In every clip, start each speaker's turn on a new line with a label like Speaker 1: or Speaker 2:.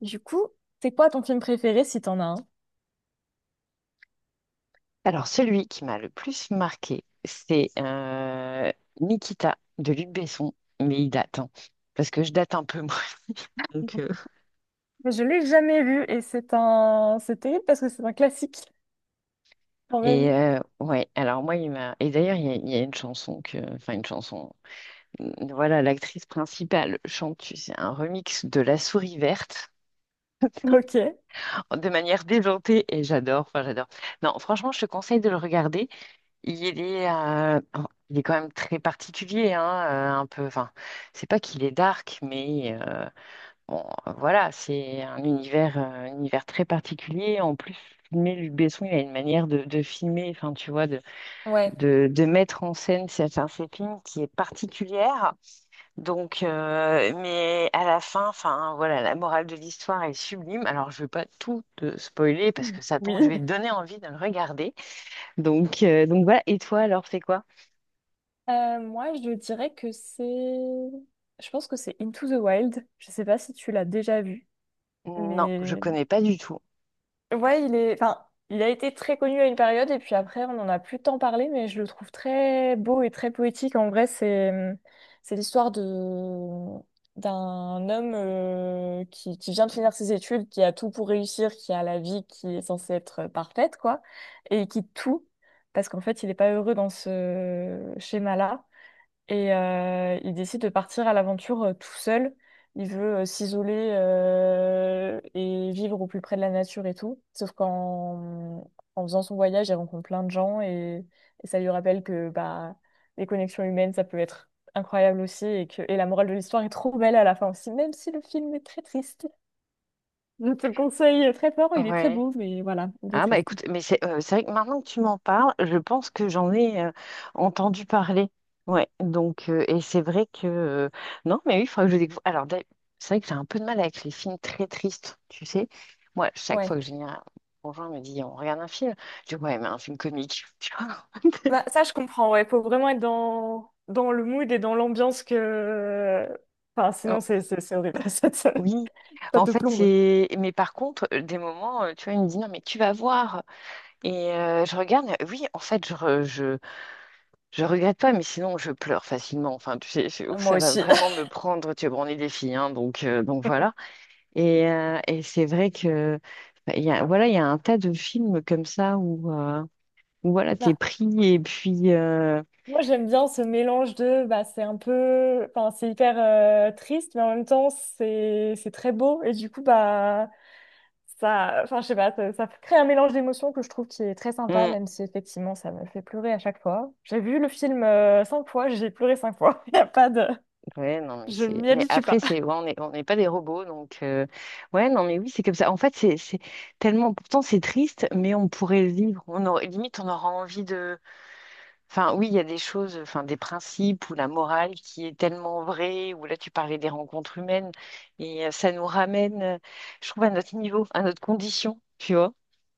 Speaker 1: Du coup, c'est quoi ton film préféré si t'en as un?
Speaker 2: Alors, celui qui m'a le plus marqué, c'est Nikita de Luc Besson, mais il date, hein, parce que je date un peu, moi. Donc,
Speaker 1: Je l'ai jamais vu et c'est un... C'est terrible parce que c'est un classique quand
Speaker 2: et
Speaker 1: même.
Speaker 2: ouais, alors moi, il m'a. Et d'ailleurs, il y a une chanson que. Enfin, une chanson. Voilà, l'actrice principale chante, tu sais, un remix de La Souris Verte.
Speaker 1: Ok.
Speaker 2: De manière déjantée, et j'adore, enfin, j'adore. Non, franchement, je te conseille de le regarder. Il est, euh, oh, il est quand même très particulier, hein, un peu. Enfin, c'est pas qu'il est dark, mais. Bon, voilà, c'est un univers très particulier. En plus, filmer Luc Besson, il a une manière de filmer, enfin, tu vois, de,
Speaker 1: Ouais.
Speaker 2: de, de mettre en scène certains films qui est particulière. Donc, mais à la fin, enfin, voilà, la morale de l'histoire est sublime. Alors, je ne vais pas tout te spoiler parce que ça tombe, je vais
Speaker 1: Oui.
Speaker 2: te donner envie de le regarder. Donc, voilà. Et toi, alors, c'est quoi?
Speaker 1: Moi, je dirais que c'est... Je pense que c'est Into the Wild. Je sais pas si tu l'as déjà vu,
Speaker 2: Non, je
Speaker 1: mais
Speaker 2: connais pas du tout.
Speaker 1: ouais, il est, enfin, il a été très connu à une période et puis après, on n'en a plus tant parlé, mais je le trouve très beau et très poétique. En vrai, c'est, mmh, c'est l'histoire de mmh, d'un homme qui vient de finir ses études, qui a tout pour réussir, qui a la vie qui est censée être parfaite, quoi, et qui quitte tout parce qu'en fait, il n'est pas heureux dans ce schéma-là. Il décide de partir à l'aventure tout seul. Il veut s'isoler et vivre au plus près de la nature et tout. Sauf qu'en en faisant son voyage, il rencontre plein de gens et ça lui rappelle que bah, les connexions humaines, ça peut être incroyable aussi et que et la morale de l'histoire est trop belle à la fin aussi, même si le film est très triste. Je te le conseille très fort, il est très
Speaker 2: Ouais.
Speaker 1: beau, mais voilà, il est
Speaker 2: Ah bah
Speaker 1: triste.
Speaker 2: écoute, mais c'est vrai que maintenant que tu m'en parles, je pense que j'en ai entendu parler. Ouais, donc et c'est vrai que non, mais oui, il faudra que je découvre. Alors d'ailleurs, c'est vrai que j'ai un peu de mal avec les films très tristes, tu sais. Moi, chaque
Speaker 1: Ouais.
Speaker 2: fois que j'ai un conjoint me dit on regarde un film, je dis ouais, mais un film comique, tu vois.
Speaker 1: Bah, ça, je comprends, ouais. Faut vraiment être dans, dans le mood et dans l'ambiance que... Enfin,
Speaker 2: Oh,
Speaker 1: sinon, c'est horrible.
Speaker 2: oui,
Speaker 1: Ça
Speaker 2: en
Speaker 1: te
Speaker 2: fait,
Speaker 1: plombe.
Speaker 2: c'est. Mais par contre, des moments, tu vois, il me dit non, mais tu vas voir. Et je regarde, oui, en fait, je, Je regrette pas, mais sinon je pleure facilement. Enfin, tu sais, ouf,
Speaker 1: Moi
Speaker 2: ça va
Speaker 1: aussi.
Speaker 2: vraiment me prendre. Tu sais, bon, on est des filles, hein, donc voilà. Et c'est vrai que bah, il y a un tas de films comme ça où, où, voilà, t'es
Speaker 1: Bah,
Speaker 2: pris et puis
Speaker 1: moi, j'aime bien ce mélange de... Bah, c'est un peu... Enfin, c'est hyper triste, mais en même temps, c'est très beau. Et du coup, bah, ça... Enfin, je sais pas, ça crée un mélange d'émotions que je trouve qui est très sympa,
Speaker 2: hmm,
Speaker 1: même si, effectivement, ça me fait pleurer à chaque fois. J'ai vu le film cinq fois, j'ai pleuré cinq fois. Il a pas de...
Speaker 2: ouais, non, mais
Speaker 1: Je
Speaker 2: c'est.
Speaker 1: m'y
Speaker 2: Mais
Speaker 1: habitue
Speaker 2: après,
Speaker 1: pas.
Speaker 2: c'est ouais, on n'est pas des robots, donc ouais, non, mais oui, c'est comme ça. En fait, c'est tellement. Pourtant, c'est triste, mais on pourrait le vivre. On aurait, limite, on aura envie de. Enfin, oui, il y a des choses, enfin, des principes ou la morale qui est tellement vraie, ou là, tu parlais des rencontres humaines, et ça nous ramène, je trouve, à notre niveau, à notre condition, tu vois.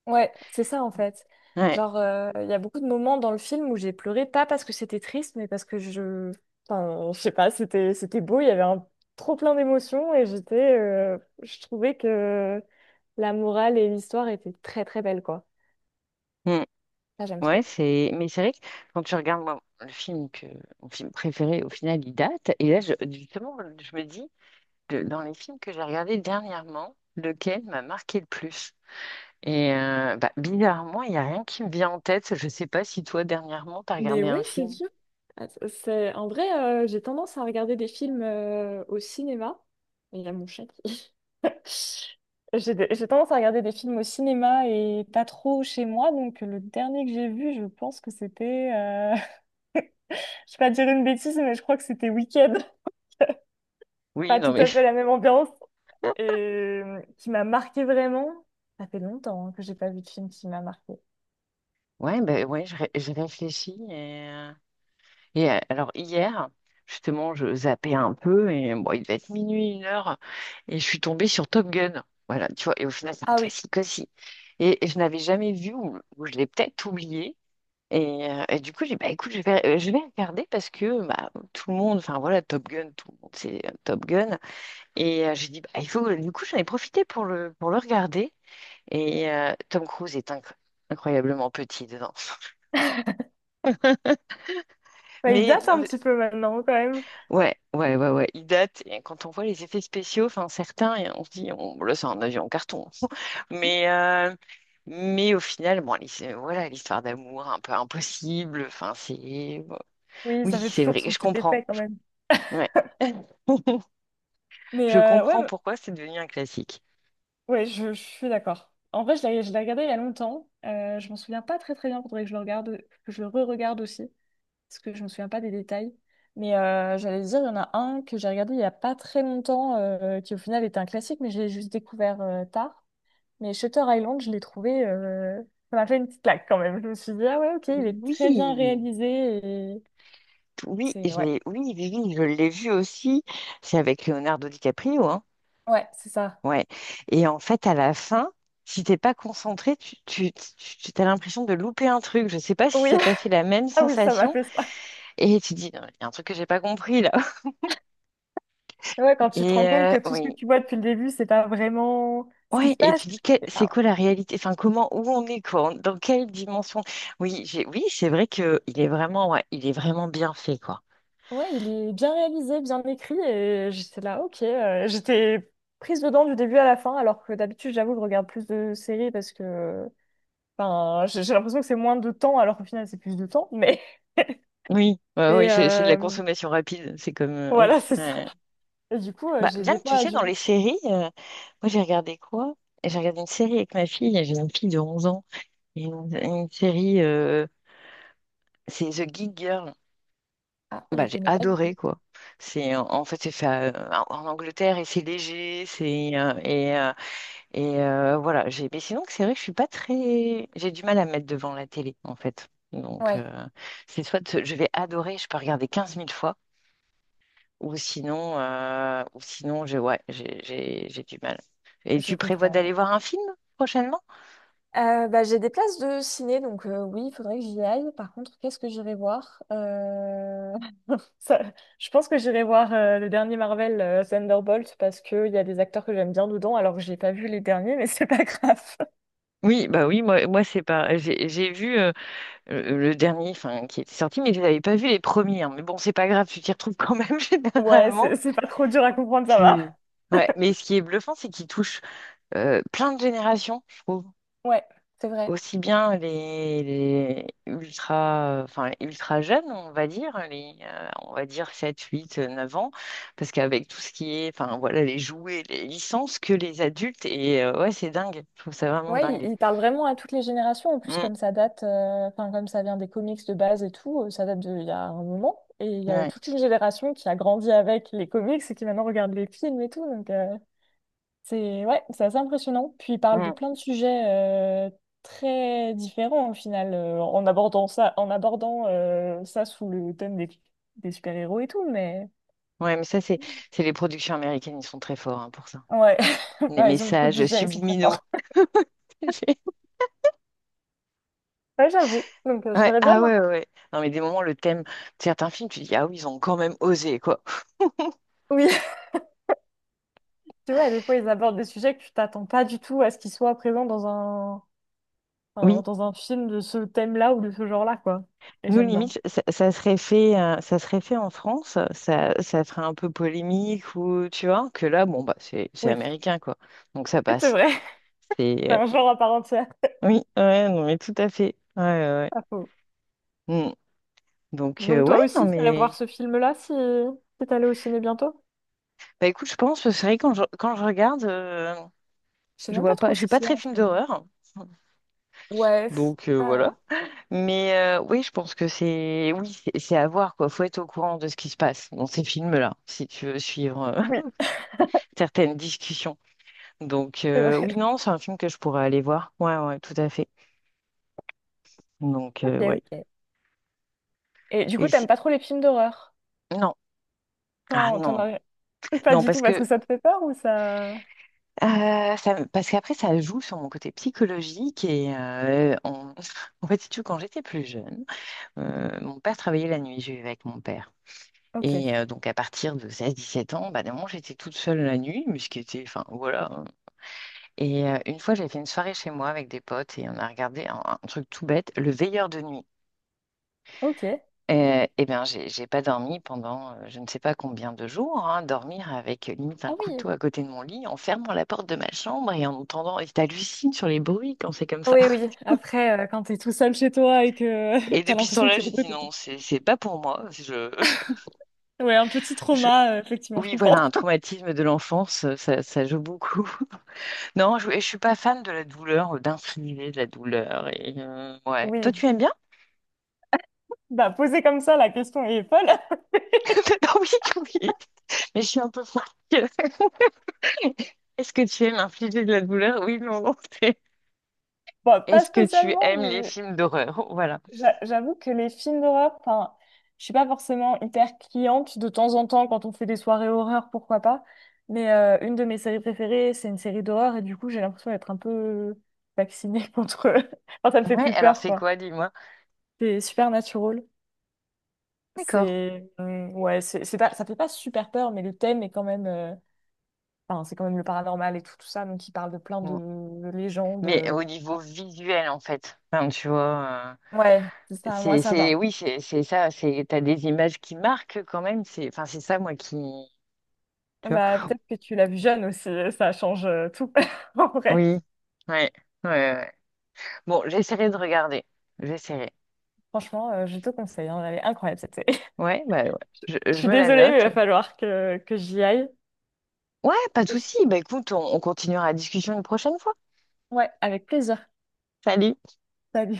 Speaker 1: Ouais, c'est ça en fait.
Speaker 2: Ouais,
Speaker 1: Genre, il y a beaucoup de moments dans le film où j'ai pleuré, pas parce que c'était triste, mais parce que je... Enfin, je sais pas, c'était beau, il y avait un trop plein d'émotions et j'étais... je trouvais que la morale et l'histoire étaient très très belles, quoi.
Speaker 2: mm,
Speaker 1: Ça, j'aime
Speaker 2: ouais,
Speaker 1: trop.
Speaker 2: c'est, mais c'est vrai que quand tu regardes moi, le film que, mon film préféré, au final, il date, et là, justement, je me dis, dans les films que j'ai regardés dernièrement, lequel m'a marqué le plus? Et bah, bizarrement, il n'y a rien qui me vient en tête. Je ne sais pas si toi, dernièrement, tu as
Speaker 1: Mais
Speaker 2: regardé un
Speaker 1: ouais, c'est
Speaker 2: film.
Speaker 1: dur. C'est... En vrai, j'ai tendance à regarder des films au cinéma. Et il y a mon chat qui... J'ai tendance à regarder des films au cinéma et pas trop chez moi. Donc, le dernier que j'ai vu, je pense que c'était. Je vais pas dire une bêtise, mais je crois que c'était Weekend.
Speaker 2: Oui,
Speaker 1: Pas
Speaker 2: non,
Speaker 1: tout
Speaker 2: mais
Speaker 1: à fait la même ambiance. Et qui m'a marqué vraiment. Ça fait longtemps hein, que j'ai pas vu de film qui m'a marqué.
Speaker 2: ouais, ben ouais, je réfléchis. Et, alors hier, justement, je zappais un peu et bon, il devait être minuit, une heure, et je suis tombée sur Top Gun. Voilà, tu vois, et au final, c'est un
Speaker 1: Ah oui.
Speaker 2: classique aussi. Et je n'avais jamais vu, ou je l'ai peut-être oublié. Et du coup, j'ai dit, bah écoute, je vais regarder parce que bah, tout le monde, enfin voilà, Top Gun, tout le monde c'est Top Gun. Et j'ai dit, bah, il faut, du coup, j'en ai profité pour le regarder. Et Tom Cruise est incroyablement petit dedans.
Speaker 1: Bah, il
Speaker 2: Mais,
Speaker 1: date un petit peu maintenant, quand même.
Speaker 2: ouais, ouais, ouais, ouais. Il date, et quand on voit les effets spéciaux, enfin certains, et on se dit, bon, là, c'est un avion en carton. Mais, euh, mais au final, bon, voilà, l'histoire d'amour un peu impossible. Enfin, c'est. Bon.
Speaker 1: Oui,
Speaker 2: Oui,
Speaker 1: ça fait
Speaker 2: c'est
Speaker 1: toujours
Speaker 2: vrai,
Speaker 1: son
Speaker 2: je
Speaker 1: petit
Speaker 2: comprends.
Speaker 1: effet, quand même.
Speaker 2: Ouais.
Speaker 1: Mais
Speaker 2: Je
Speaker 1: euh, ouais,
Speaker 2: comprends pourquoi c'est devenu un classique.
Speaker 1: ouais je, je suis d'accord. En vrai, je l'ai regardé il y a longtemps. Je m'en souviens pas très très bien. Faudrait que je le regarde, que je le re-regarde aussi. Parce que je me souviens pas des détails. J'allais dire, il y en a un que j'ai regardé il y a pas très longtemps, qui au final était un classique, mais je l'ai juste découvert tard. Mais Shutter Island, je l'ai trouvé, ça m'a fait une petite claque quand même. Je me suis dit, ah ouais, ok, il est très bien
Speaker 2: Oui,
Speaker 1: réalisé et
Speaker 2: oui,
Speaker 1: c'est, ouais,
Speaker 2: oui, oui, oui, je l'ai vu aussi. C'est avec Leonardo DiCaprio, hein.
Speaker 1: ouais, c'est ça.
Speaker 2: Ouais. Et en fait, à la fin, si t'es pas concentré, tu as l'impression de louper un truc. Je sais pas si
Speaker 1: Oui,
Speaker 2: ça t'a fait la même
Speaker 1: ah oui, ça m'a
Speaker 2: sensation.
Speaker 1: fait ça.
Speaker 2: Et tu dis, il y a un truc que j'ai pas compris là.
Speaker 1: Ouais, quand tu te
Speaker 2: Et
Speaker 1: rends compte que tout ce que
Speaker 2: oui.
Speaker 1: tu vois depuis le début, c'est pas vraiment ce qui
Speaker 2: Ouais,
Speaker 1: se
Speaker 2: et
Speaker 1: passe.
Speaker 2: tu dis c'est quoi la réalité? Enfin, comment où on est quoi? Dans quelle dimension? Oui, j'ai oui, c'est vrai que il est vraiment bien fait quoi.
Speaker 1: Ouais, il est bien réalisé, bien écrit, et j'étais là, ok. J'étais prise dedans du début à la fin, alors que d'habitude, j'avoue, je regarde plus de séries parce que enfin, j'ai l'impression que c'est moins de temps, alors qu'au final, c'est plus de temps. Mais
Speaker 2: Oui, ouais, oui,
Speaker 1: et,
Speaker 2: c'est de la
Speaker 1: euh,
Speaker 2: consommation rapide. C'est comme oui,
Speaker 1: voilà, c'est ça.
Speaker 2: ouais.
Speaker 1: Et du coup,
Speaker 2: Bah,
Speaker 1: j'ai
Speaker 2: bien
Speaker 1: des
Speaker 2: que tu
Speaker 1: fois
Speaker 2: sais,
Speaker 1: du...
Speaker 2: dans
Speaker 1: mal.
Speaker 2: les séries, moi j'ai regardé quoi? J'ai regardé une série avec ma fille, j'ai une fille de 11 ans, et une série, c'est The Geek Girl.
Speaker 1: Ah,
Speaker 2: Bah,
Speaker 1: je
Speaker 2: j'ai
Speaker 1: connais pas du tout.
Speaker 2: adoré quoi. C'est en fait c'est fait en Angleterre et c'est léger, c'est et, voilà. J'ai Mais sinon c'est vrai que je suis pas très, j'ai du mal à me mettre devant la télé en fait. Donc
Speaker 1: Ouais,
Speaker 2: c'est soit je vais adorer, je peux regarder 15 000 fois. Ou sinon, j'ai ouais, j'ai du mal. Et
Speaker 1: je
Speaker 2: tu prévois d'aller
Speaker 1: comprends.
Speaker 2: voir un film prochainement?
Speaker 1: Bah, j'ai des places de ciné, donc oui, il faudrait que j'y aille. Par contre, qu'est-ce que j'irai voir? Ça- je pense que j'irai voir le dernier Marvel Thunderbolt parce qu'il y a des acteurs que j'aime bien dedans alors que j'ai pas vu les derniers mais c'est pas grave.
Speaker 2: Oui, bah oui, moi c'est pas. J'ai vu le dernier, enfin, qui était sorti, mais je n'avais pas vu les premiers, hein. Mais bon, c'est pas grave, tu t'y retrouves quand même
Speaker 1: Ouais,
Speaker 2: généralement.
Speaker 1: c'est pas trop dur à comprendre, ça va.
Speaker 2: Tu- Ouais, mais ce qui est bluffant, c'est qu'il touche plein de générations, je trouve.
Speaker 1: Ouais, c'est vrai.
Speaker 2: Aussi bien les ultra, enfin, les ultra jeunes, on va dire, les, on va dire 7 8 9 ans, parce qu'avec tout ce qui est, enfin, voilà, les jouets, les licences, que les adultes, et ouais, c'est dingue, je trouve ça vraiment
Speaker 1: Ouais,
Speaker 2: dingue.
Speaker 1: il parle vraiment à toutes les générations. En plus,
Speaker 2: Mm,
Speaker 1: comme ça date, enfin, comme ça vient des comics de base et tout, ça date d'il y a un moment. Et il y a
Speaker 2: ouais,
Speaker 1: toute une génération qui a grandi avec les comics et qui maintenant regarde les films et tout. Donc, c'est ouais, c'est assez impressionnant. Puis il parle de
Speaker 2: mm.
Speaker 1: plein de sujets euh, très différents au final, en abordant ça sous le thème des super-héros et tout, mais
Speaker 2: Ouais, mais ça, c'est les productions américaines, ils sont très forts hein, pour ça.
Speaker 1: ouais.
Speaker 2: Les
Speaker 1: Ouais, ils ont beaucoup de
Speaker 2: messages
Speaker 1: budget, ils sont très forts.
Speaker 2: subliminaux.
Speaker 1: Ouais, j'avoue. Donc
Speaker 2: Ouais,
Speaker 1: j'aimerais bien
Speaker 2: ah ouais,
Speaker 1: voir.
Speaker 2: ouais, ouais. Non, mais des moments, le thème de certains films, tu dis, ah oui, ils ont quand même osé, quoi.
Speaker 1: Oui, tu vois, des fois ils abordent des sujets que tu t'attends pas du tout à ce qu'ils soient présents dans un,
Speaker 2: Oui.
Speaker 1: dans un film de ce thème-là ou de ce genre-là, quoi. Et
Speaker 2: Nous,
Speaker 1: j'aime bien.
Speaker 2: limite, ça serait fait en France, ça ferait un peu polémique ou tu vois, que là, bon, bah, c'est
Speaker 1: Oui,
Speaker 2: américain, quoi. Donc ça
Speaker 1: c'est
Speaker 2: passe.
Speaker 1: vrai.
Speaker 2: C'est,
Speaker 1: C'est
Speaker 2: euh,
Speaker 1: un genre à part entière.
Speaker 2: oui, ouais, non, mais tout à fait. Ouais, ouais,
Speaker 1: Ah, faux.
Speaker 2: ouais. Mm. Donc,
Speaker 1: Donc
Speaker 2: ouais,
Speaker 1: toi
Speaker 2: non,
Speaker 1: aussi, tu allais voir
Speaker 2: mais.
Speaker 1: ce film-là si, si t'allais au ciné bientôt?
Speaker 2: Bah, écoute, je pense, c'est vrai, quand je, regarde,
Speaker 1: Je sais
Speaker 2: je
Speaker 1: même pas
Speaker 2: vois pas,
Speaker 1: trop
Speaker 2: je
Speaker 1: ce
Speaker 2: suis pas
Speaker 1: qu'il y a
Speaker 2: très
Speaker 1: en ce
Speaker 2: film
Speaker 1: moment.
Speaker 2: d'horreur.
Speaker 1: Ouais.
Speaker 2: Donc, voilà.
Speaker 1: Ah.
Speaker 2: Mais oui, je pense que c'est, oui, c'est à voir, quoi. Faut être au courant de ce qui se passe dans ces films-là, si tu veux suivre
Speaker 1: Oui,
Speaker 2: certaines discussions. Donc,
Speaker 1: c'est
Speaker 2: oui,
Speaker 1: vrai.
Speaker 2: non, c'est un film que je pourrais aller voir. Ouais, ouais, tout à fait. Donc,
Speaker 1: Ok,
Speaker 2: ouais.
Speaker 1: ok. Et du
Speaker 2: Et
Speaker 1: coup, t'aimes
Speaker 2: si-
Speaker 1: pas trop les films d'horreur?
Speaker 2: Non. Ah
Speaker 1: T'en
Speaker 2: non.
Speaker 1: as... Pas
Speaker 2: Non,
Speaker 1: du tout parce que ça te fait peur ou ça...
Speaker 2: parce qu'après, ça joue sur mon côté psychologique. Et en fait, si tu veux, quand j'étais plus jeune, mon père travaillait la nuit. Je vivais avec mon père.
Speaker 1: Ok,
Speaker 2: Et donc, à partir de 16-17 ans, bah, d'un moment, j'étais toute seule la nuit, mais ce qui était. Enfin, voilà, hein. Et une fois, j'ai fait une soirée chez moi avec des potes et on a regardé un truc tout bête, Le Veilleur de nuit.
Speaker 1: ok.
Speaker 2: Eh bien, j'ai pas dormi pendant je ne sais pas combien de jours, hein, dormir avec limite un
Speaker 1: Ah oui.
Speaker 2: couteau à côté de mon lit, en fermant la porte de ma chambre et en entendant, et t'hallucines sur les bruits quand c'est comme ça.
Speaker 1: Oui, oui. Après, quand t'es tout seul chez toi et que
Speaker 2: Et
Speaker 1: t'as
Speaker 2: depuis ce
Speaker 1: l'impression
Speaker 2: temps-là,
Speaker 1: qu'il y
Speaker 2: j'ai
Speaker 1: a des bruits
Speaker 2: dit
Speaker 1: tout le
Speaker 2: non,
Speaker 1: temps.
Speaker 2: c'est pas pour moi.
Speaker 1: Ouais, un petit
Speaker 2: Je-
Speaker 1: trauma, effectivement, je
Speaker 2: Oui, voilà,
Speaker 1: comprends.
Speaker 2: un traumatisme de l'enfance, ça, ça joue beaucoup. Non, je suis pas fan de la douleur, d'infliger de la douleur. Et ouais.
Speaker 1: Oui,
Speaker 2: Toi, tu aimes bien?
Speaker 1: bah poser comme ça, la question est folle.
Speaker 2: Non, oui, oui, mais je suis un peu folle. Est-ce que tu aimes infliger de la douleur? Oui, non, non.
Speaker 1: Bah pas
Speaker 2: Est-ce que tu
Speaker 1: spécialement,
Speaker 2: aimes les
Speaker 1: mais
Speaker 2: films d'horreur? Voilà.
Speaker 1: J'avoue que les films d'horreur, enfin, je suis pas forcément hyper cliente de temps en temps quand on fait des soirées horreur, pourquoi pas. Une de mes séries préférées, c'est une série d'horreur et du coup, j'ai l'impression d'être un peu vaccinée contre. Enfin, ça me fait
Speaker 2: Ouais,
Speaker 1: plus
Speaker 2: alors
Speaker 1: peur,
Speaker 2: c'est
Speaker 1: quoi.
Speaker 2: quoi, dis-moi?
Speaker 1: C'est Supernatural.
Speaker 2: D'accord.
Speaker 1: C'est ouais, c'est pas, ça fait pas super peur, mais le thème est quand même. Enfin, c'est quand même le paranormal et tout, tout ça, donc il parle de plein
Speaker 2: Bon.
Speaker 1: de légendes.
Speaker 2: Mais
Speaker 1: Et
Speaker 2: au niveau
Speaker 1: cetera.
Speaker 2: visuel, en fait, enfin, tu vois,
Speaker 1: Ouais, c'est
Speaker 2: euh,
Speaker 1: ça. Moi, ça va.
Speaker 2: oui, c'est ça, t'as des images qui marquent quand même, c'est, enfin, c'est ça, moi, qui, tu vois?
Speaker 1: Bah, peut-être que tu l'as vu jeune aussi, ça change tout. En vrai,
Speaker 2: Oui, ouais, ouais, ouais. Bon, j'essaierai de regarder, j'essaierai.
Speaker 1: franchement, je te conseille, hein, elle est incroyable cette série.
Speaker 2: Ouais, bah, ouais. Je,
Speaker 1: Je
Speaker 2: je
Speaker 1: suis
Speaker 2: me la
Speaker 1: désolée, mais il
Speaker 2: note.
Speaker 1: va falloir que j'y aille.
Speaker 2: Ouais, pas de souci, bah, écoute, on continuera la discussion une prochaine fois.
Speaker 1: Ouais, avec plaisir.
Speaker 2: Salut!
Speaker 1: Salut.